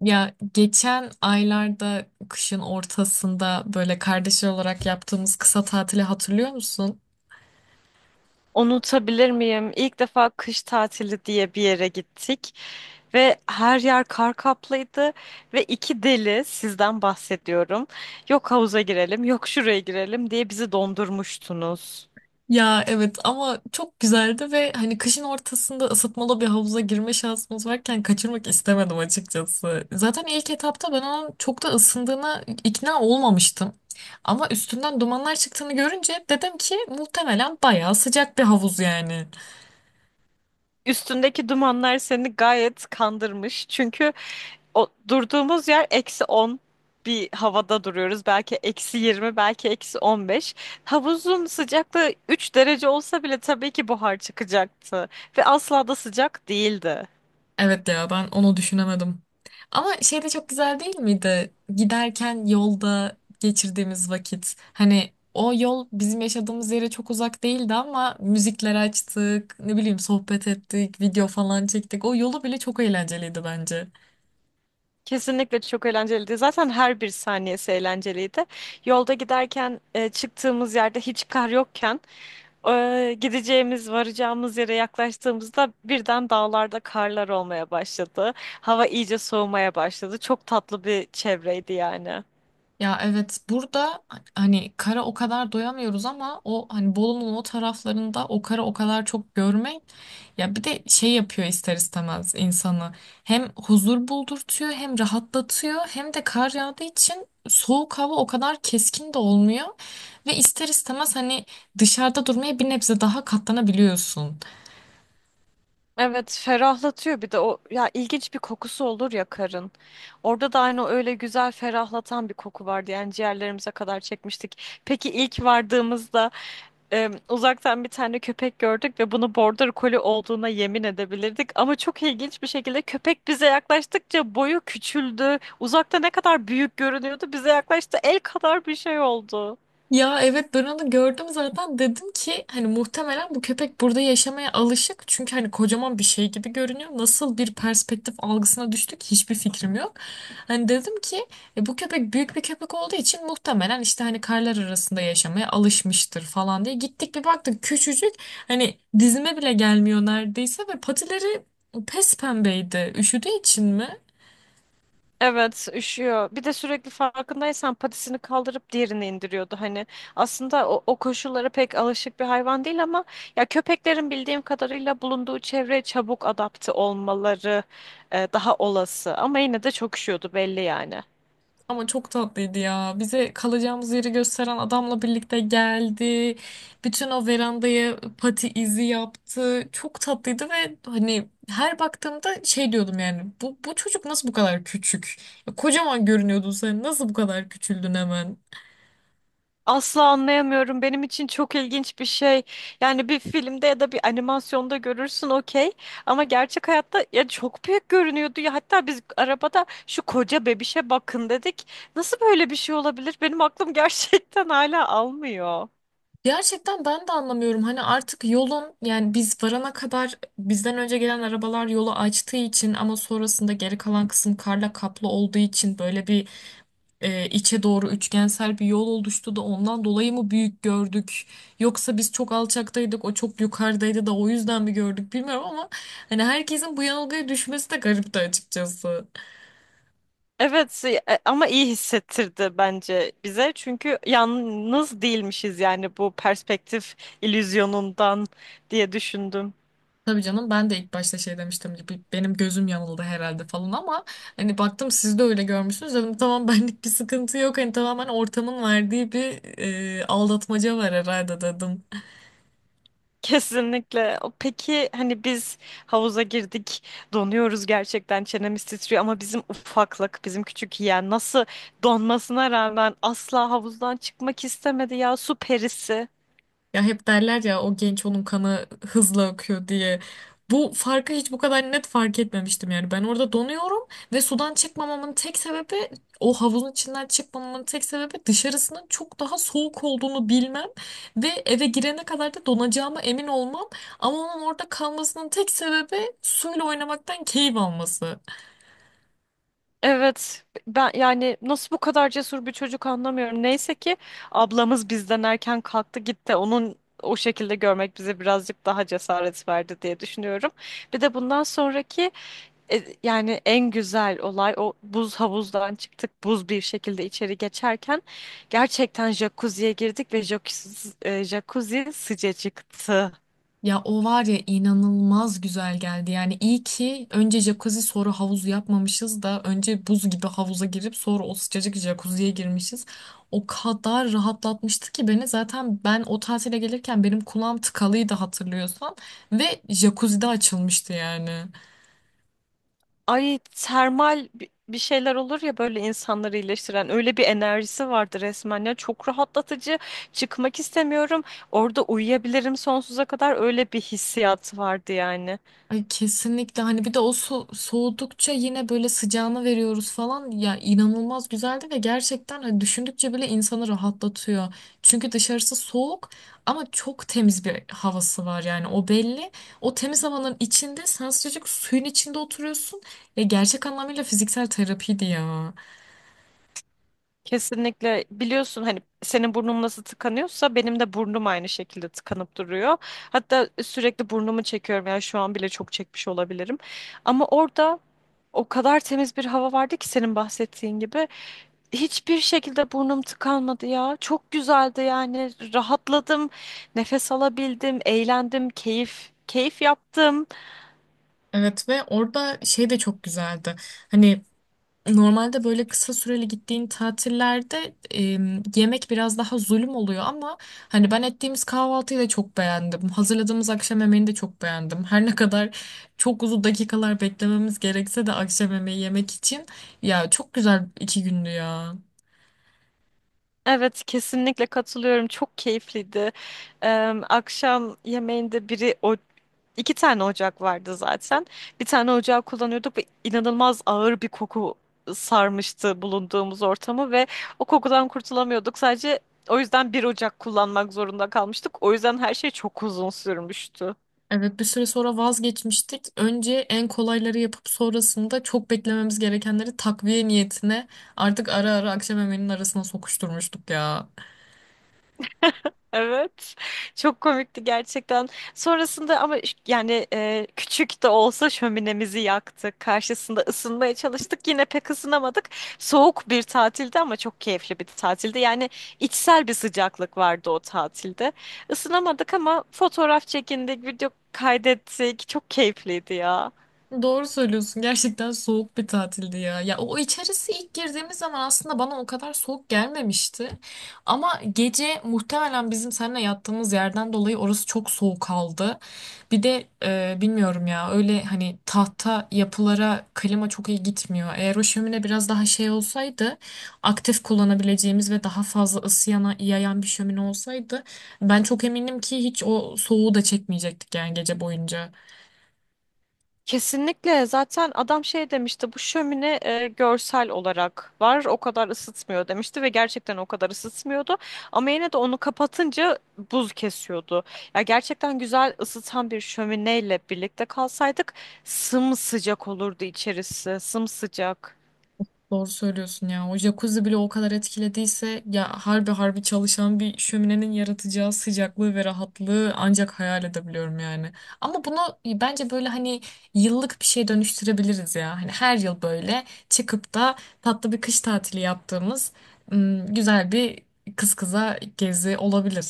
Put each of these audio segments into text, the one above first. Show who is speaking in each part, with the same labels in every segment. Speaker 1: Ya geçen aylarda kışın ortasında böyle kardeşler olarak yaptığımız kısa tatili hatırlıyor musun?
Speaker 2: Unutabilir miyim? İlk defa kış tatili diye bir yere gittik ve her yer kar kaplıydı ve iki deli sizden bahsediyorum. Yok havuza girelim, yok şuraya girelim diye bizi dondurmuştunuz.
Speaker 1: Ya evet ama çok güzeldi ve hani kışın ortasında ısıtmalı bir havuza girme şansımız varken kaçırmak istemedim açıkçası. Zaten ilk etapta ben onun çok da ısındığına ikna olmamıştım. Ama üstünden dumanlar çıktığını görünce dedim ki muhtemelen bayağı sıcak bir havuz yani.
Speaker 2: Üstündeki dumanlar seni gayet kandırmış. Çünkü o durduğumuz yer -11 havada duruyoruz. Belki -20, belki -15. Havuzun sıcaklığı 3 derece olsa bile tabii ki buhar çıkacaktı. Ve asla da sıcak değildi.
Speaker 1: Evet ya ben onu düşünemedim. Ama şey de çok güzel değil miydi? Giderken yolda geçirdiğimiz vakit. Hani o yol bizim yaşadığımız yere çok uzak değildi ama müzikler açtık, ne bileyim sohbet ettik, video falan çektik. O yolu bile çok eğlenceliydi bence.
Speaker 2: Kesinlikle çok eğlenceliydi. Zaten her bir saniyesi eğlenceliydi. Yolda giderken çıktığımız yerde hiç kar yokken gideceğimiz, varacağımız yere yaklaştığımızda birden dağlarda karlar olmaya başladı. Hava iyice soğumaya başladı. Çok tatlı bir çevreydi yani.
Speaker 1: Ya evet burada hani kara o kadar doyamıyoruz ama o hani Bolu'nun o taraflarında o kara o kadar çok görmek, ya bir de şey yapıyor ister istemez insanı, hem huzur buldurtuyor hem rahatlatıyor hem de kar yağdığı için soğuk hava o kadar keskin de olmuyor ve ister istemez hani dışarıda durmaya bir nebze daha katlanabiliyorsun.
Speaker 2: Evet, ferahlatıyor bir de o ya, ilginç bir kokusu olur ya karın. Orada da aynı öyle güzel ferahlatan bir koku vardı. Yani ciğerlerimize kadar çekmiştik. Peki ilk vardığımızda uzaktan bir tane köpek gördük ve bunu border collie olduğuna yemin edebilirdik. Ama çok ilginç bir şekilde köpek bize yaklaştıkça boyu küçüldü. Uzakta ne kadar büyük görünüyordu, bize yaklaştı el kadar bir şey oldu.
Speaker 1: Ya evet ben onu gördüm zaten dedim ki hani muhtemelen bu köpek burada yaşamaya alışık çünkü hani kocaman bir şey gibi görünüyor. Nasıl bir perspektif algısına düştük hiçbir fikrim yok. Hani dedim ki "E, bu köpek büyük bir köpek olduğu için muhtemelen işte hani karlar arasında yaşamaya alışmıştır falan" diye gittik bir baktık küçücük, hani dizime bile gelmiyor neredeyse ve patileri pes pembeydi. Üşüdüğü için mi?
Speaker 2: Evet, üşüyor. Bir de sürekli farkındaysan patisini kaldırıp diğerini indiriyordu. Hani aslında o koşullara pek alışık bir hayvan değil, ama ya köpeklerin bildiğim kadarıyla bulunduğu çevreye çabuk adapte olmaları daha olası. Ama yine de çok üşüyordu belli yani.
Speaker 1: Ama çok tatlıydı ya. Bize kalacağımız yeri gösteren adamla birlikte geldi. Bütün o verandaya pati izi yaptı. Çok tatlıydı ve hani her baktığımda şey diyordum yani. Bu çocuk nasıl bu kadar küçük? Ya kocaman görünüyordun sen. Nasıl bu kadar küçüldün hemen?
Speaker 2: Asla anlayamıyorum. Benim için çok ilginç bir şey. Yani bir filmde ya da bir animasyonda görürsün, okey. Ama gerçek hayatta ya çok büyük görünüyordu ya. Hatta biz arabada şu koca bebişe bakın dedik. Nasıl böyle bir şey olabilir? Benim aklım gerçekten hala almıyor.
Speaker 1: Gerçekten ben de anlamıyorum. Hani artık yolun yani biz varana kadar bizden önce gelen arabalar yolu açtığı için ama sonrasında geri kalan kısım karla kaplı olduğu için böyle bir, içe doğru üçgensel bir yol oluştu da ondan dolayı mı büyük gördük? Yoksa biz çok alçaktaydık, o çok yukarıdaydı da o yüzden mi gördük bilmiyorum ama hani herkesin bu yanılgıya düşmesi de garipti açıkçası.
Speaker 2: Ama iyi hissettirdi bence bize. Çünkü yalnız değilmişiz yani, bu perspektif illüzyonundan diye düşündüm.
Speaker 1: Tabii canım ben de ilk başta şey demiştim gibi benim gözüm yanıldı herhalde falan ama hani baktım siz de öyle görmüşsünüz dedim tamam benlik bir sıkıntı yok, hani tamamen ortamın verdiği bir aldatmaca var herhalde dedim.
Speaker 2: Kesinlikle. Peki hani biz havuza girdik, donuyoruz gerçekten, çenemiz titriyor, ama bizim ufaklık, bizim küçük yeğen nasıl donmasına rağmen asla havuzdan çıkmak istemedi ya, su perisi.
Speaker 1: Ya hep derler ya o genç onun kanı hızla akıyor diye. Bu farkı hiç bu kadar net fark etmemiştim yani. Ben orada donuyorum ve sudan çıkmamamın tek sebebi, o havuzun içinden çıkmamamın tek sebebi dışarısının çok daha soğuk olduğunu bilmem ve eve girene kadar da donacağıma emin olmam. Ama onun orada kalmasının tek sebebi suyla oynamaktan keyif alması.
Speaker 2: Evet, ben yani nasıl bu kadar cesur bir çocuk anlamıyorum. Neyse ki ablamız bizden erken kalktı gitti. Onun o şekilde görmek bize birazcık daha cesaret verdi diye düşünüyorum. Bir de bundan sonraki, yani en güzel olay, o buz havuzdan çıktık buz bir şekilde içeri geçerken gerçekten jacuzziye girdik ve jacuzzi sıcacıktı.
Speaker 1: Ya o var ya inanılmaz güzel geldi. Yani iyi ki önce jacuzzi sonra havuz yapmamışız da önce buz gibi havuza girip sonra o sıcacık jacuzziye girmişiz. O kadar rahatlatmıştı ki beni, zaten ben o tatile gelirken benim kulağım tıkalıydı hatırlıyorsan, ve jacuzzi de açılmıştı yani.
Speaker 2: Ay, termal bir şeyler olur ya böyle, insanları iyileştiren öyle bir enerjisi vardı resmen ya, çok rahatlatıcı, çıkmak istemiyorum, orada uyuyabilirim sonsuza kadar, öyle bir hissiyat vardı yani.
Speaker 1: Ay kesinlikle, hani bir de o soğudukça yine böyle sıcağını veriyoruz falan, ya inanılmaz güzeldi ve gerçekten hani düşündükçe bile insanı rahatlatıyor. Çünkü dışarısı soğuk ama çok temiz bir havası var yani o belli. O temiz havanın içinde sen sıcacık suyun içinde oturuyorsun. Ya gerçek anlamıyla fiziksel terapiydi ya.
Speaker 2: Kesinlikle biliyorsun hani, senin burnun nasıl tıkanıyorsa benim de burnum aynı şekilde tıkanıp duruyor. Hatta sürekli burnumu çekiyorum, yani şu an bile çok çekmiş olabilirim. Ama orada o kadar temiz bir hava vardı ki, senin bahsettiğin gibi. Hiçbir şekilde burnum tıkanmadı ya. Çok güzeldi yani, rahatladım, nefes alabildim, eğlendim, keyif keyif yaptım.
Speaker 1: Evet ve orada şey de çok güzeldi. Hani normalde böyle kısa süreli gittiğin tatillerde yemek biraz daha zulüm oluyor ama hani ben ettiğimiz kahvaltıyı da çok beğendim. Hazırladığımız akşam yemeğini de çok beğendim. Her ne kadar çok uzun dakikalar beklememiz gerekse de akşam yemeği yemek için, ya çok güzel iki gündü ya.
Speaker 2: Evet, kesinlikle katılıyorum. Çok keyifliydi. Akşam yemeğinde biri o İki tane ocak vardı zaten. Bir tane ocağı kullanıyorduk ve inanılmaz ağır bir koku sarmıştı bulunduğumuz ortamı ve o kokudan kurtulamıyorduk. Sadece o yüzden bir ocak kullanmak zorunda kalmıştık. O yüzden her şey çok uzun sürmüştü.
Speaker 1: Evet bir süre sonra vazgeçmiştik. Önce en kolayları yapıp sonrasında çok beklememiz gerekenleri takviye niyetine artık ara ara akşam yemeğinin arasına sokuşturmuştuk ya.
Speaker 2: Evet. Çok komikti gerçekten. Sonrasında ama yani, küçük de olsa şöminemizi yaktık. Karşısında ısınmaya çalıştık. Yine pek ısınamadık. Soğuk bir tatildi ama çok keyifli bir tatildi. Yani içsel bir sıcaklık vardı o tatilde. Isınamadık ama fotoğraf çekindik, video kaydettik. Çok keyifliydi ya.
Speaker 1: Doğru söylüyorsun. Gerçekten soğuk bir tatildi ya. Ya o içerisi ilk girdiğimiz zaman aslında bana o kadar soğuk gelmemişti. Ama gece muhtemelen bizim seninle yattığımız yerden dolayı orası çok soğuk kaldı. Bir de bilmiyorum ya, öyle hani tahta yapılara klima çok iyi gitmiyor. Eğer o şömine biraz daha şey olsaydı, aktif kullanabileceğimiz ve daha fazla ısı yayan bir şömine olsaydı, ben çok eminim ki hiç o soğuğu da çekmeyecektik yani gece boyunca.
Speaker 2: Kesinlikle, zaten adam şey demişti, bu şömine görsel olarak var, o kadar ısıtmıyor demişti ve gerçekten o kadar ısıtmıyordu, ama yine de onu kapatınca buz kesiyordu. Ya gerçekten güzel ısıtan bir şömineyle birlikte kalsaydık sımsıcak olurdu içerisi, sımsıcak.
Speaker 1: Doğru söylüyorsun ya. O jacuzzi bile o kadar etkilediyse, ya harbi harbi çalışan bir şöminenin yaratacağı sıcaklığı ve rahatlığı ancak hayal edebiliyorum yani. Ama bunu bence böyle hani yıllık bir şey dönüştürebiliriz ya. Hani her yıl böyle çıkıp da tatlı bir kış tatili yaptığımız güzel bir kız kıza gezi olabilir.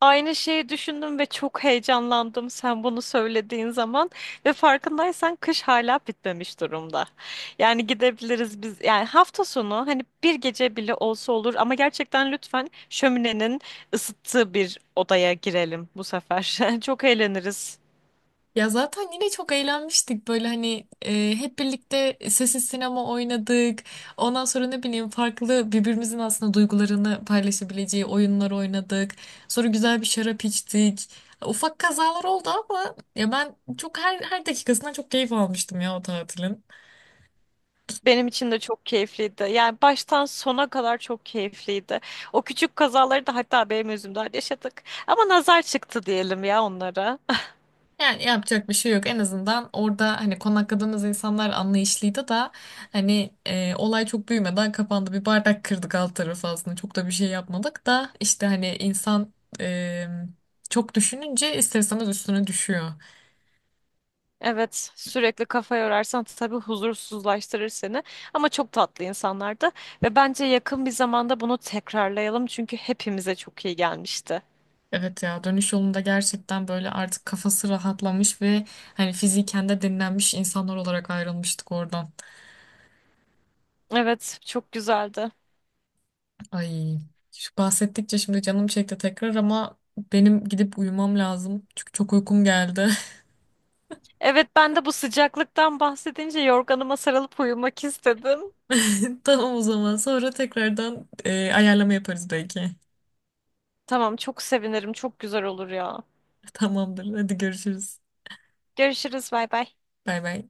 Speaker 2: Aynı şeyi düşündüm ve çok heyecanlandım sen bunu söylediğin zaman ve farkındaysan kış hala bitmemiş durumda. Yani gidebiliriz biz yani, hafta sonu hani bir gece bile olsa olur, ama gerçekten lütfen şöminenin ısıttığı bir odaya girelim bu sefer. Çok eğleniriz.
Speaker 1: Ya zaten yine çok eğlenmiştik böyle, hani hep birlikte sessiz sinema oynadık. Ondan sonra ne bileyim farklı birbirimizin aslında duygularını paylaşabileceği oyunlar oynadık. Sonra güzel bir şarap içtik. Ufak kazalar oldu ama ya ben çok, her dakikasından çok keyif almıştım ya o tatilin.
Speaker 2: Benim için de çok keyifliydi. Yani baştan sona kadar çok keyifliydi. O küçük kazaları da hatta benim yüzümden yaşadık. Ama nazar çıktı diyelim ya onlara.
Speaker 1: Yani yapacak bir şey yok. En azından orada hani konakladığımız insanlar anlayışlıydı da hani olay çok büyümeden kapandı. Bir bardak kırdık alt tarafı aslında. Çok da bir şey yapmadık da işte hani insan e, çok düşününce ister istemez üstüne düşüyor.
Speaker 2: Evet, sürekli kafa yorarsan tabii huzursuzlaştırır seni. Ama çok tatlı insanlardı ve bence yakın bir zamanda bunu tekrarlayalım, çünkü hepimize çok iyi gelmişti.
Speaker 1: Evet ya dönüş yolunda gerçekten böyle artık kafası rahatlamış ve hani fiziken de dinlenmiş insanlar olarak ayrılmıştık oradan.
Speaker 2: Evet, çok güzeldi.
Speaker 1: Ay şu bahsettikçe şimdi canım çekti tekrar ama benim gidip uyumam lazım. Çünkü çok uykum geldi.
Speaker 2: Evet, ben de bu sıcaklıktan bahsedince yorganıma sarılıp uyumak istedim.
Speaker 1: Tamam o zaman. Sonra tekrardan ayarlama yaparız belki.
Speaker 2: Tamam, çok sevinirim. Çok güzel olur ya.
Speaker 1: Tamamdır. Hadi görüşürüz.
Speaker 2: Görüşürüz, bay bay.
Speaker 1: Bay bay.